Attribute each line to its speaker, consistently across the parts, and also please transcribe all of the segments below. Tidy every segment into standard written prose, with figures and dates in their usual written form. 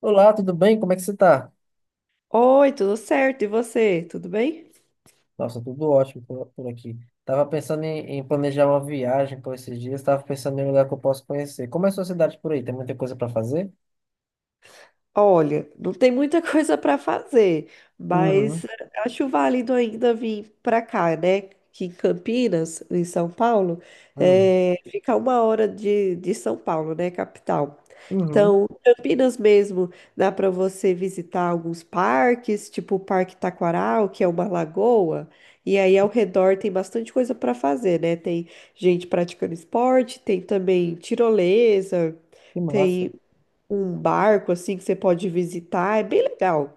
Speaker 1: Olá, tudo bem? Como é que você tá?
Speaker 2: Oi, tudo certo? E você? Tudo bem?
Speaker 1: Nossa, tudo ótimo por aqui. Tava pensando em planejar uma viagem por esses dias, tava pensando em um lugar que eu posso conhecer. Como é a sua cidade por aí? Tem muita coisa para fazer?
Speaker 2: Olha, não tem muita coisa para fazer,
Speaker 1: Uhum,
Speaker 2: mas acho válido ainda vir para cá, né? Que em Campinas, em São Paulo,
Speaker 1: uhum,
Speaker 2: fica 1 hora de São Paulo, né? Capital.
Speaker 1: uhum.
Speaker 2: Então, Campinas mesmo, dá para você visitar alguns parques, tipo o Parque Taquaral, que é uma lagoa, e aí ao redor tem bastante coisa para fazer, né? Tem gente praticando esporte, tem também tirolesa.
Speaker 1: Que massa.
Speaker 2: Tem um barco assim que você pode visitar, é bem legal.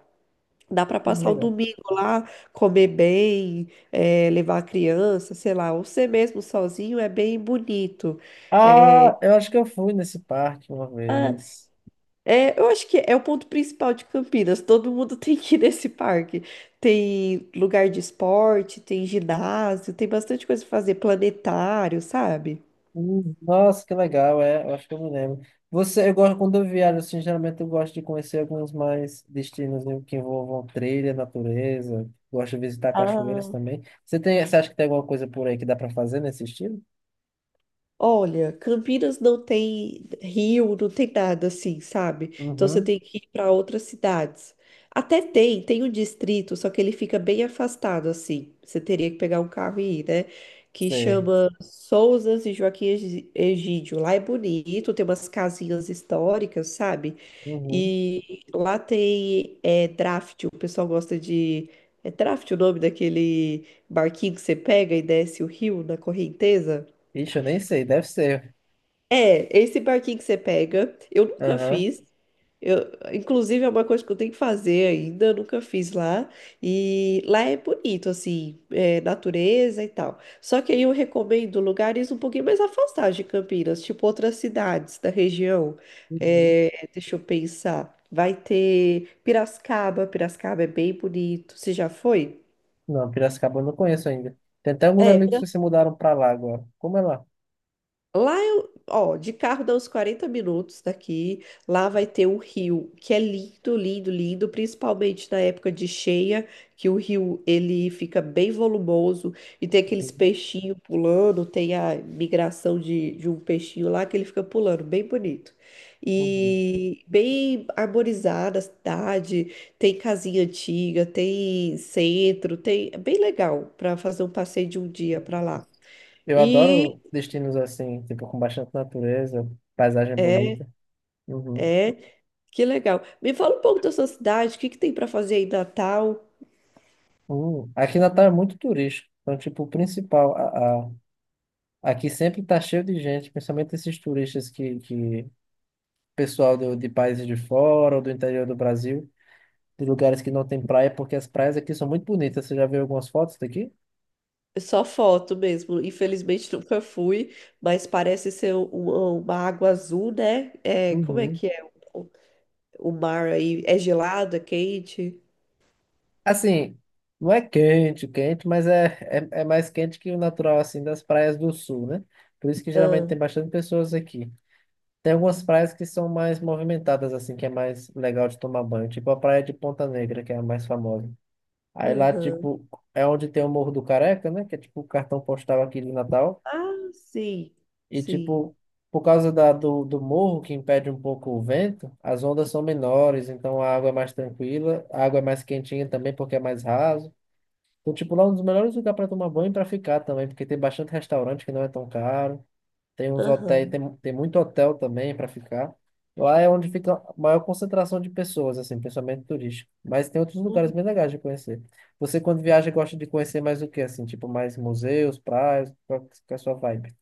Speaker 2: Dá para passar o
Speaker 1: Legal.
Speaker 2: domingo lá, comer bem, levar a criança, sei lá, ou você mesmo sozinho é bem bonito.
Speaker 1: Ah, eu acho que eu fui nesse parque uma
Speaker 2: Ah,
Speaker 1: vez.
Speaker 2: é, eu acho que é o ponto principal de Campinas. Todo mundo tem que ir nesse parque. Tem lugar de esporte, tem ginásio, tem bastante coisa pra fazer, planetário, sabe?
Speaker 1: Nossa, que legal, é, eu acho que eu me lembro. Você, eu gosto, quando eu viajo, assim, geralmente eu gosto de conhecer alguns mais destinos né, que envolvam trilha, natureza, gosto de visitar cachoeiras
Speaker 2: Ah,
Speaker 1: também. Você tem, você acha que tem alguma coisa por aí que dá para fazer nesse estilo?
Speaker 2: olha, Campinas não tem rio, não tem nada assim, sabe? Então você
Speaker 1: Uhum,
Speaker 2: tem que ir para outras cidades. Até tem um distrito, só que ele fica bem afastado assim. Você teria que pegar um carro e ir, né? Que
Speaker 1: sei.
Speaker 2: chama Sousas e Joaquim Egídio. Lá é bonito, tem umas casinhas históricas, sabe?
Speaker 1: Uhum.
Speaker 2: E lá tem draft, o pessoal gosta de. É draft o nome daquele barquinho que você pega e desce o rio na correnteza?
Speaker 1: Ixi, eu nem sei, deve ser.
Speaker 2: É, esse barquinho que você pega, eu nunca
Speaker 1: Aham.
Speaker 2: fiz. Eu, inclusive, é uma coisa que eu tenho que fazer ainda, eu nunca fiz lá. E lá é bonito, assim, natureza e tal. Só que aí eu recomendo lugares um pouquinho mais afastados de Campinas, tipo outras cidades da região.
Speaker 1: Uhum.
Speaker 2: É, deixa eu pensar. Vai ter Piracicaba, Piracicaba é bem bonito. Você já foi?
Speaker 1: Não, Piracicaba eu não conheço ainda. Tem até alguns
Speaker 2: É,
Speaker 1: amigos que se mudaram para lá agora. Como é lá?
Speaker 2: lá eu, ó, de carro dá uns 40 minutos daqui. Lá vai ter um rio que é lindo, lindo, lindo, principalmente na época de cheia, que o rio ele fica bem volumoso e tem aqueles
Speaker 1: Uhum.
Speaker 2: peixinhos pulando, tem a migração de um peixinho lá que ele fica pulando, bem bonito.
Speaker 1: Uhum.
Speaker 2: E bem arborizada a cidade, tem casinha antiga, tem centro, é bem legal para fazer um passeio de um dia para lá.
Speaker 1: Eu
Speaker 2: E
Speaker 1: adoro destinos assim, tipo, com bastante natureza, paisagem
Speaker 2: é
Speaker 1: bonita. Uhum.
Speaker 2: é. Que legal. Me fala um pouco da sua cidade, o que que tem para fazer aí em Natal?
Speaker 1: Uhum. Aqui Natal é muito turístico. Então, tipo, o principal, aqui sempre tá cheio de gente, principalmente esses turistas que pessoal de países de fora ou do interior do Brasil, de lugares que não tem praia, porque as praias aqui são muito bonitas. Você já viu algumas fotos daqui?
Speaker 2: É, só foto mesmo. Infelizmente nunca fui, mas parece ser uma água azul, né? É, como é
Speaker 1: Uhum.
Speaker 2: que é o, o mar aí? É gelado, é quente?
Speaker 1: Assim, não é quente, quente, mas é mais quente que o natural, assim, das praias do sul, né? Por isso que geralmente
Speaker 2: Ah,
Speaker 1: tem bastante pessoas aqui. Tem algumas praias que são mais movimentadas, assim, que é mais legal de tomar banho. Tipo a praia de Ponta Negra, que é a mais famosa. Aí lá,
Speaker 2: aham.
Speaker 1: tipo, é onde tem o Morro do Careca, né? Que é tipo o cartão postal aqui de Natal.
Speaker 2: Ah, sim,
Speaker 1: E,
Speaker 2: sim.
Speaker 1: tipo, por causa do morro, que impede um pouco o vento, as ondas são menores, então a água é mais tranquila. A água é mais quentinha também, porque é mais raso. Então, tipo, lá é um dos melhores lugares para tomar banho e para ficar também, porque tem bastante restaurante que não é tão caro. Tem uns hotéis,
Speaker 2: Aham.
Speaker 1: tem muito hotel também para ficar. Lá é onde fica a maior concentração de pessoas, assim, principalmente turístico. Mas tem outros lugares bem legais de conhecer. Você, quando viaja, gosta de conhecer mais o quê, assim? Tipo, mais museus, praias? Qual que é a sua vibe?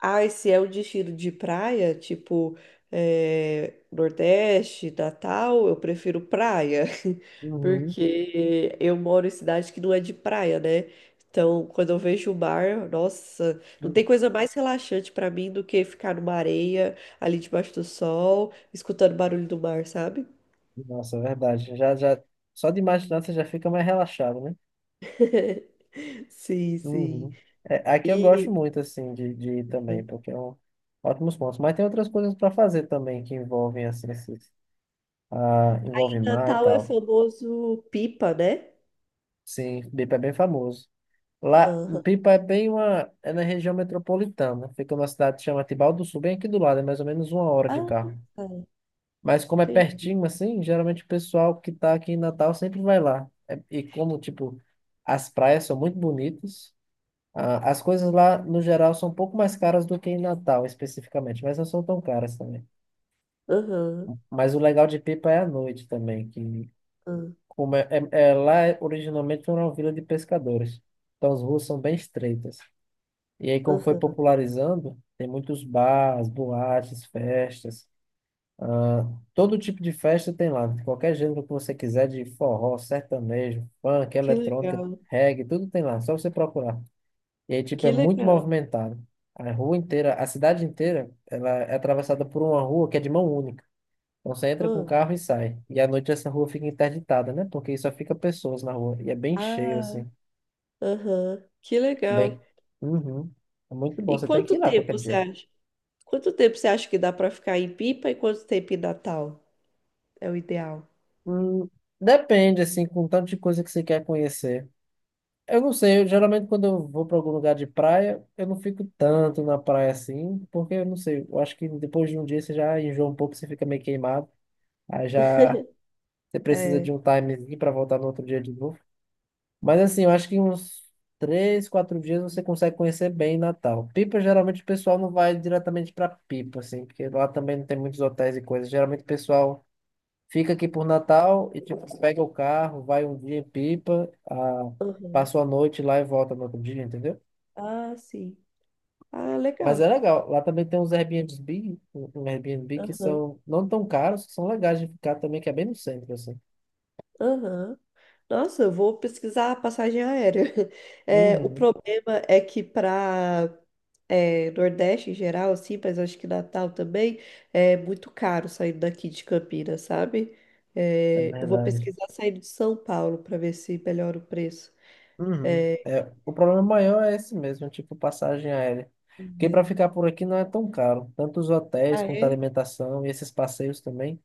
Speaker 2: Ah, e se é o destino de praia, tipo Nordeste, Natal, eu prefiro praia,
Speaker 1: Uhum.
Speaker 2: porque eu moro em cidade que não é de praia, né? Então, quando eu vejo o mar, nossa, não
Speaker 1: Uhum.
Speaker 2: tem coisa mais relaxante pra mim do que ficar numa areia, ali debaixo do sol, escutando o barulho do mar, sabe?
Speaker 1: Nossa, é verdade. Já, já, só de imaginar você já fica mais relaxado, né?
Speaker 2: Sim, sim.
Speaker 1: Uhum. É, aqui eu gosto
Speaker 2: E
Speaker 1: muito, assim, de ir também, porque é um ótimos pontos. Mas tem outras coisas para fazer também que envolvem, assim, esses, ah, envolve
Speaker 2: em
Speaker 1: mar e
Speaker 2: Natal é
Speaker 1: tal.
Speaker 2: famoso pipa, né?
Speaker 1: Sim, Pipa é bem famoso. Lá,
Speaker 2: Aham.
Speaker 1: Pipa é bem uma. É na região metropolitana. Fica numa cidade que chama Tibau do Sul, bem aqui do lado, é mais ou menos 1 hora de
Speaker 2: Ah,
Speaker 1: carro.
Speaker 2: tá.
Speaker 1: Mas como é
Speaker 2: Tem.
Speaker 1: pertinho, assim, geralmente o pessoal que tá aqui em Natal sempre vai lá. E como, tipo, as praias são muito bonitas, as coisas lá, no geral, são um pouco mais caras do que em Natal, especificamente, mas não são tão caras também.
Speaker 2: Aham.
Speaker 1: Mas o legal de Pipa é a noite também, que
Speaker 2: Ah,
Speaker 1: como lá originalmente era uma vila de pescadores. Então as ruas são bem estreitas. E aí, como foi
Speaker 2: aham.
Speaker 1: popularizando, tem muitos bares, boates, festas. Ah, todo tipo de festa tem lá, de qualquer gênero que você quiser, de forró, sertanejo, funk,
Speaker 2: Que
Speaker 1: eletrônica,
Speaker 2: legal,
Speaker 1: reggae, tudo tem lá, só você procurar. E aí, tipo, é
Speaker 2: que
Speaker 1: muito
Speaker 2: legal.
Speaker 1: movimentado. A rua inteira, a cidade inteira, ela é atravessada por uma rua que é de mão única. Então você entra com o
Speaker 2: Ah,
Speaker 1: carro e sai. E à noite essa rua fica interditada, né? Porque só fica pessoas na rua. E é bem cheio,
Speaker 2: ah,
Speaker 1: assim.
Speaker 2: aham, que legal.
Speaker 1: Bem. Uhum. É muito bom.
Speaker 2: E
Speaker 1: Você tem que
Speaker 2: quanto
Speaker 1: ir lá qualquer
Speaker 2: tempo você
Speaker 1: dia.
Speaker 2: acha? Quanto tempo você acha que dá para ficar em Pipa e quanto tempo em Natal? É o ideal.
Speaker 1: Hum, depende, assim, com o tanto de coisa que você quer conhecer. Eu não sei, eu, geralmente quando eu vou para algum lugar de praia, eu não fico tanto na praia assim, porque eu não sei, eu acho que depois de um dia você já enjoa um pouco, você fica meio queimado, aí já você precisa de
Speaker 2: É.
Speaker 1: um timezinho para voltar no outro dia de novo. Mas assim, eu acho que uns três, quatro dias você consegue conhecer bem Natal. Pipa, geralmente o pessoal não vai diretamente para Pipa, assim, porque lá também não tem muitos hotéis e coisas, geralmente o pessoal. Fica aqui por Natal e tipo, pega o carro, vai um dia em Pipa, ah,
Speaker 2: Aham.
Speaker 1: passa a noite lá e volta no outro dia, entendeu?
Speaker 2: Ah, sim. Ah,
Speaker 1: Mas
Speaker 2: legal.
Speaker 1: é legal. Lá também tem uns Airbnb, um Airbnb que
Speaker 2: Aham,
Speaker 1: são não tão caros, que são legais de ficar também, que é bem no centro, assim.
Speaker 2: aham. Nossa, eu vou pesquisar a passagem aérea. É, o
Speaker 1: Uhum,
Speaker 2: problema é que para Nordeste em geral, assim, mas acho que Natal também, é muito caro saindo daqui de Campinas, sabe?
Speaker 1: é
Speaker 2: É, eu vou
Speaker 1: verdade.
Speaker 2: pesquisar saindo de São Paulo para ver se melhora o preço.
Speaker 1: Uhum.
Speaker 2: É,
Speaker 1: É, o problema maior é esse mesmo, tipo passagem aérea. Porque para ficar por aqui não é tão caro. Tanto os hotéis
Speaker 2: ah,
Speaker 1: quanto a
Speaker 2: é?
Speaker 1: alimentação e esses passeios também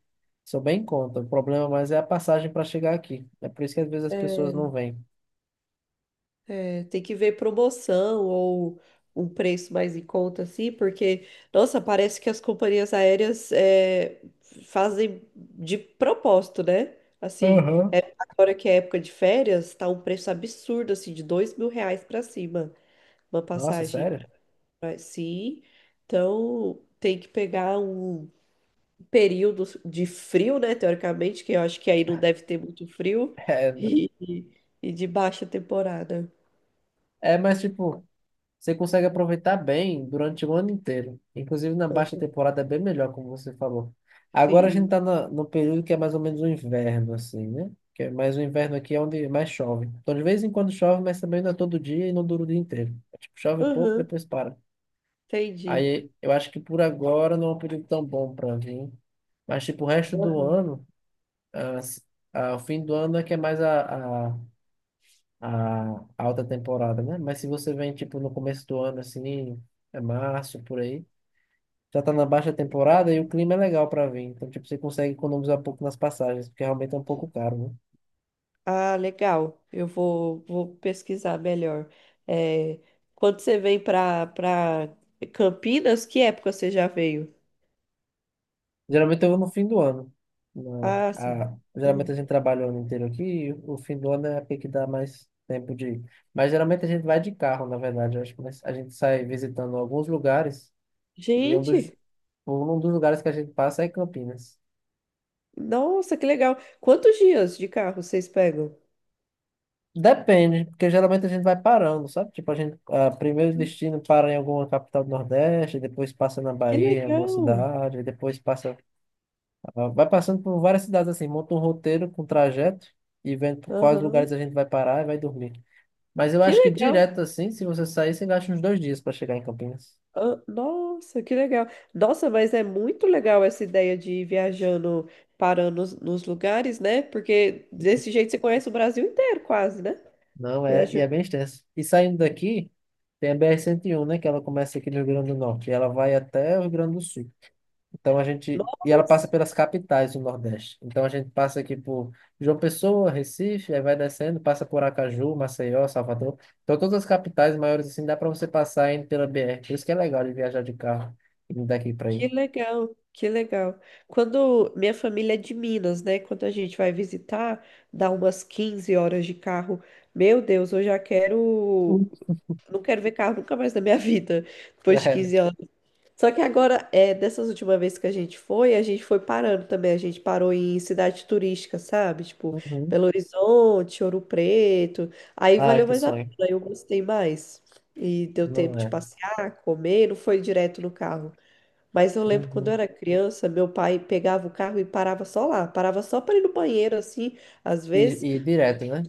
Speaker 1: são bem em conta. O problema mais é a passagem para chegar aqui. É por isso que às vezes as pessoas não vêm.
Speaker 2: É, tem que ver promoção ou um preço mais em conta, assim, porque, nossa, parece que as companhias aéreas fazem de propósito, né? Assim,
Speaker 1: Aham.
Speaker 2: agora que é época de férias, tá um preço absurdo, assim, de R$ 2.000 para cima. Uma
Speaker 1: Nossa,
Speaker 2: passagem
Speaker 1: sério?
Speaker 2: para si. Então, tem que pegar um período de frio, né? Teoricamente, que eu acho que aí não deve ter muito frio, e, e de baixa temporada.
Speaker 1: É, é, mas tipo, você consegue aproveitar bem durante o ano inteiro. Inclusive na baixa
Speaker 2: Aham.
Speaker 1: temporada é bem melhor, como você falou. Agora a gente
Speaker 2: Sim.
Speaker 1: está no período que é mais ou menos o inverno, assim, né? Que é mais o inverno aqui é onde mais chove. Então de vez em quando chove, mas também não é todo dia e não dura o dia inteiro. É tipo, chove um pouco,
Speaker 2: Aham,
Speaker 1: depois para.
Speaker 2: entendi.
Speaker 1: Aí eu acho que por agora não é um período tão bom para vir. Mas tipo, o resto do
Speaker 2: Aham.
Speaker 1: ano, as- ah, o fim do ano é que é mais a alta temporada, né? Mas se você vem, tipo, no começo do ano, assim, é março, por aí, já tá na baixa temporada e o clima é legal para vir. Então, tipo, você consegue economizar um pouco nas passagens, porque realmente é um pouco caro, né?
Speaker 2: Ah, legal. Eu vou pesquisar melhor. É, quando você vem para Campinas, que época você já veio?
Speaker 1: Geralmente eu vou no fim do ano. Né?
Speaker 2: Ah, sim.
Speaker 1: A- geralmente
Speaker 2: Uhum.
Speaker 1: a gente trabalha o ano inteiro aqui e o fim do ano é a que dá mais tempo de ir. Mas geralmente a gente vai de carro, na verdade, eu acho, mas a gente sai visitando alguns lugares e
Speaker 2: Gente.
Speaker 1: um dos lugares que a gente passa é Campinas.
Speaker 2: Nossa, que legal. Quantos dias de carro vocês pegam?
Speaker 1: Depende, porque geralmente a gente vai parando, sabe? Tipo, a gente, ah, primeiro destino para em alguma capital do Nordeste, depois passa na
Speaker 2: Que
Speaker 1: Bahia, em alguma
Speaker 2: legal.
Speaker 1: cidade, e depois passa, ah, vai passando por várias cidades assim, monta um roteiro com trajeto e vendo por quais
Speaker 2: Aham.
Speaker 1: lugares a gente vai parar e vai dormir. Mas eu
Speaker 2: Que
Speaker 1: acho que
Speaker 2: legal.
Speaker 1: direto assim, se você sair, você gasta uns 2 dias para chegar em Campinas.
Speaker 2: Ah, nossa, que legal. Nossa, mas é muito legal essa ideia de ir viajando, parando nos lugares, né? Porque desse jeito você conhece o Brasil inteiro, quase, né?
Speaker 1: Não é, e é
Speaker 2: Viajando.
Speaker 1: bem extenso. E saindo daqui, tem a BR-101 né? Que ela começa aqui no Rio Grande do Norte e ela vai até o Rio Grande do Sul. Então a gente. E ela passa
Speaker 2: Nossa.
Speaker 1: pelas capitais do Nordeste. Então a gente passa aqui por João Pessoa, Recife, aí vai descendo, passa por Aracaju, Maceió, Salvador. Então todas as capitais maiores assim dá para você passar indo pela BR. Por isso que é legal de viajar de carro indo daqui para
Speaker 2: Que
Speaker 1: aí.
Speaker 2: legal, que legal. Quando minha família é de Minas, né? Quando a gente vai visitar, dá umas 15 horas de carro. Meu Deus, eu já
Speaker 1: Uhum.
Speaker 2: quero. Não quero ver carro nunca mais na minha vida, depois de
Speaker 1: Sério.
Speaker 2: 15 anos. Só que agora, dessas últimas vezes que a gente foi parando também. A gente parou em cidade turística, sabe? Tipo,
Speaker 1: Uhum.
Speaker 2: Belo Horizonte, Ouro Preto. Aí
Speaker 1: Ah,
Speaker 2: valeu
Speaker 1: que
Speaker 2: mais a
Speaker 1: sonho.
Speaker 2: pena, eu gostei mais. E deu tempo
Speaker 1: Não
Speaker 2: de
Speaker 1: é.
Speaker 2: passear, comer, não foi direto no carro. Mas eu lembro quando eu
Speaker 1: Uhum.
Speaker 2: era criança, meu pai pegava o carro e parava só lá, parava só para ir no banheiro, assim, às
Speaker 1: E,
Speaker 2: vezes,
Speaker 1: e direto, né?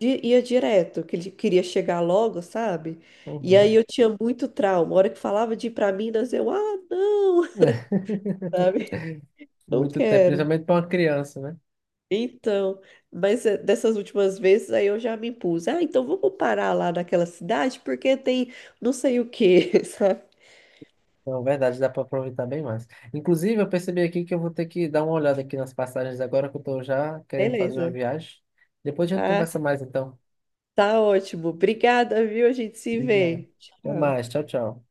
Speaker 2: e ia direto, que ele queria chegar logo, sabe? E aí
Speaker 1: Uhum.
Speaker 2: eu tinha muito trauma. A hora que falava de ir para Minas, eu, ah, não, sabe? Não
Speaker 1: Muito tempo,
Speaker 2: quero.
Speaker 1: principalmente para uma criança, né?
Speaker 2: Então, mas dessas últimas vezes aí eu já me impus. Ah, então vamos parar lá naquela cidade porque tem não sei o quê, sabe?
Speaker 1: Não, verdade, dá para aproveitar bem mais. Inclusive, eu percebi aqui que eu vou ter que dar uma olhada aqui nas passagens agora que eu estou já querendo fazer uma
Speaker 2: Beleza.
Speaker 1: viagem. Depois a gente
Speaker 2: Ah,
Speaker 1: conversa mais, então.
Speaker 2: tá ótimo. Obrigada, viu? A gente se
Speaker 1: Obrigado.
Speaker 2: vê.
Speaker 1: Até
Speaker 2: Tchau.
Speaker 1: mais, tchau, tchau.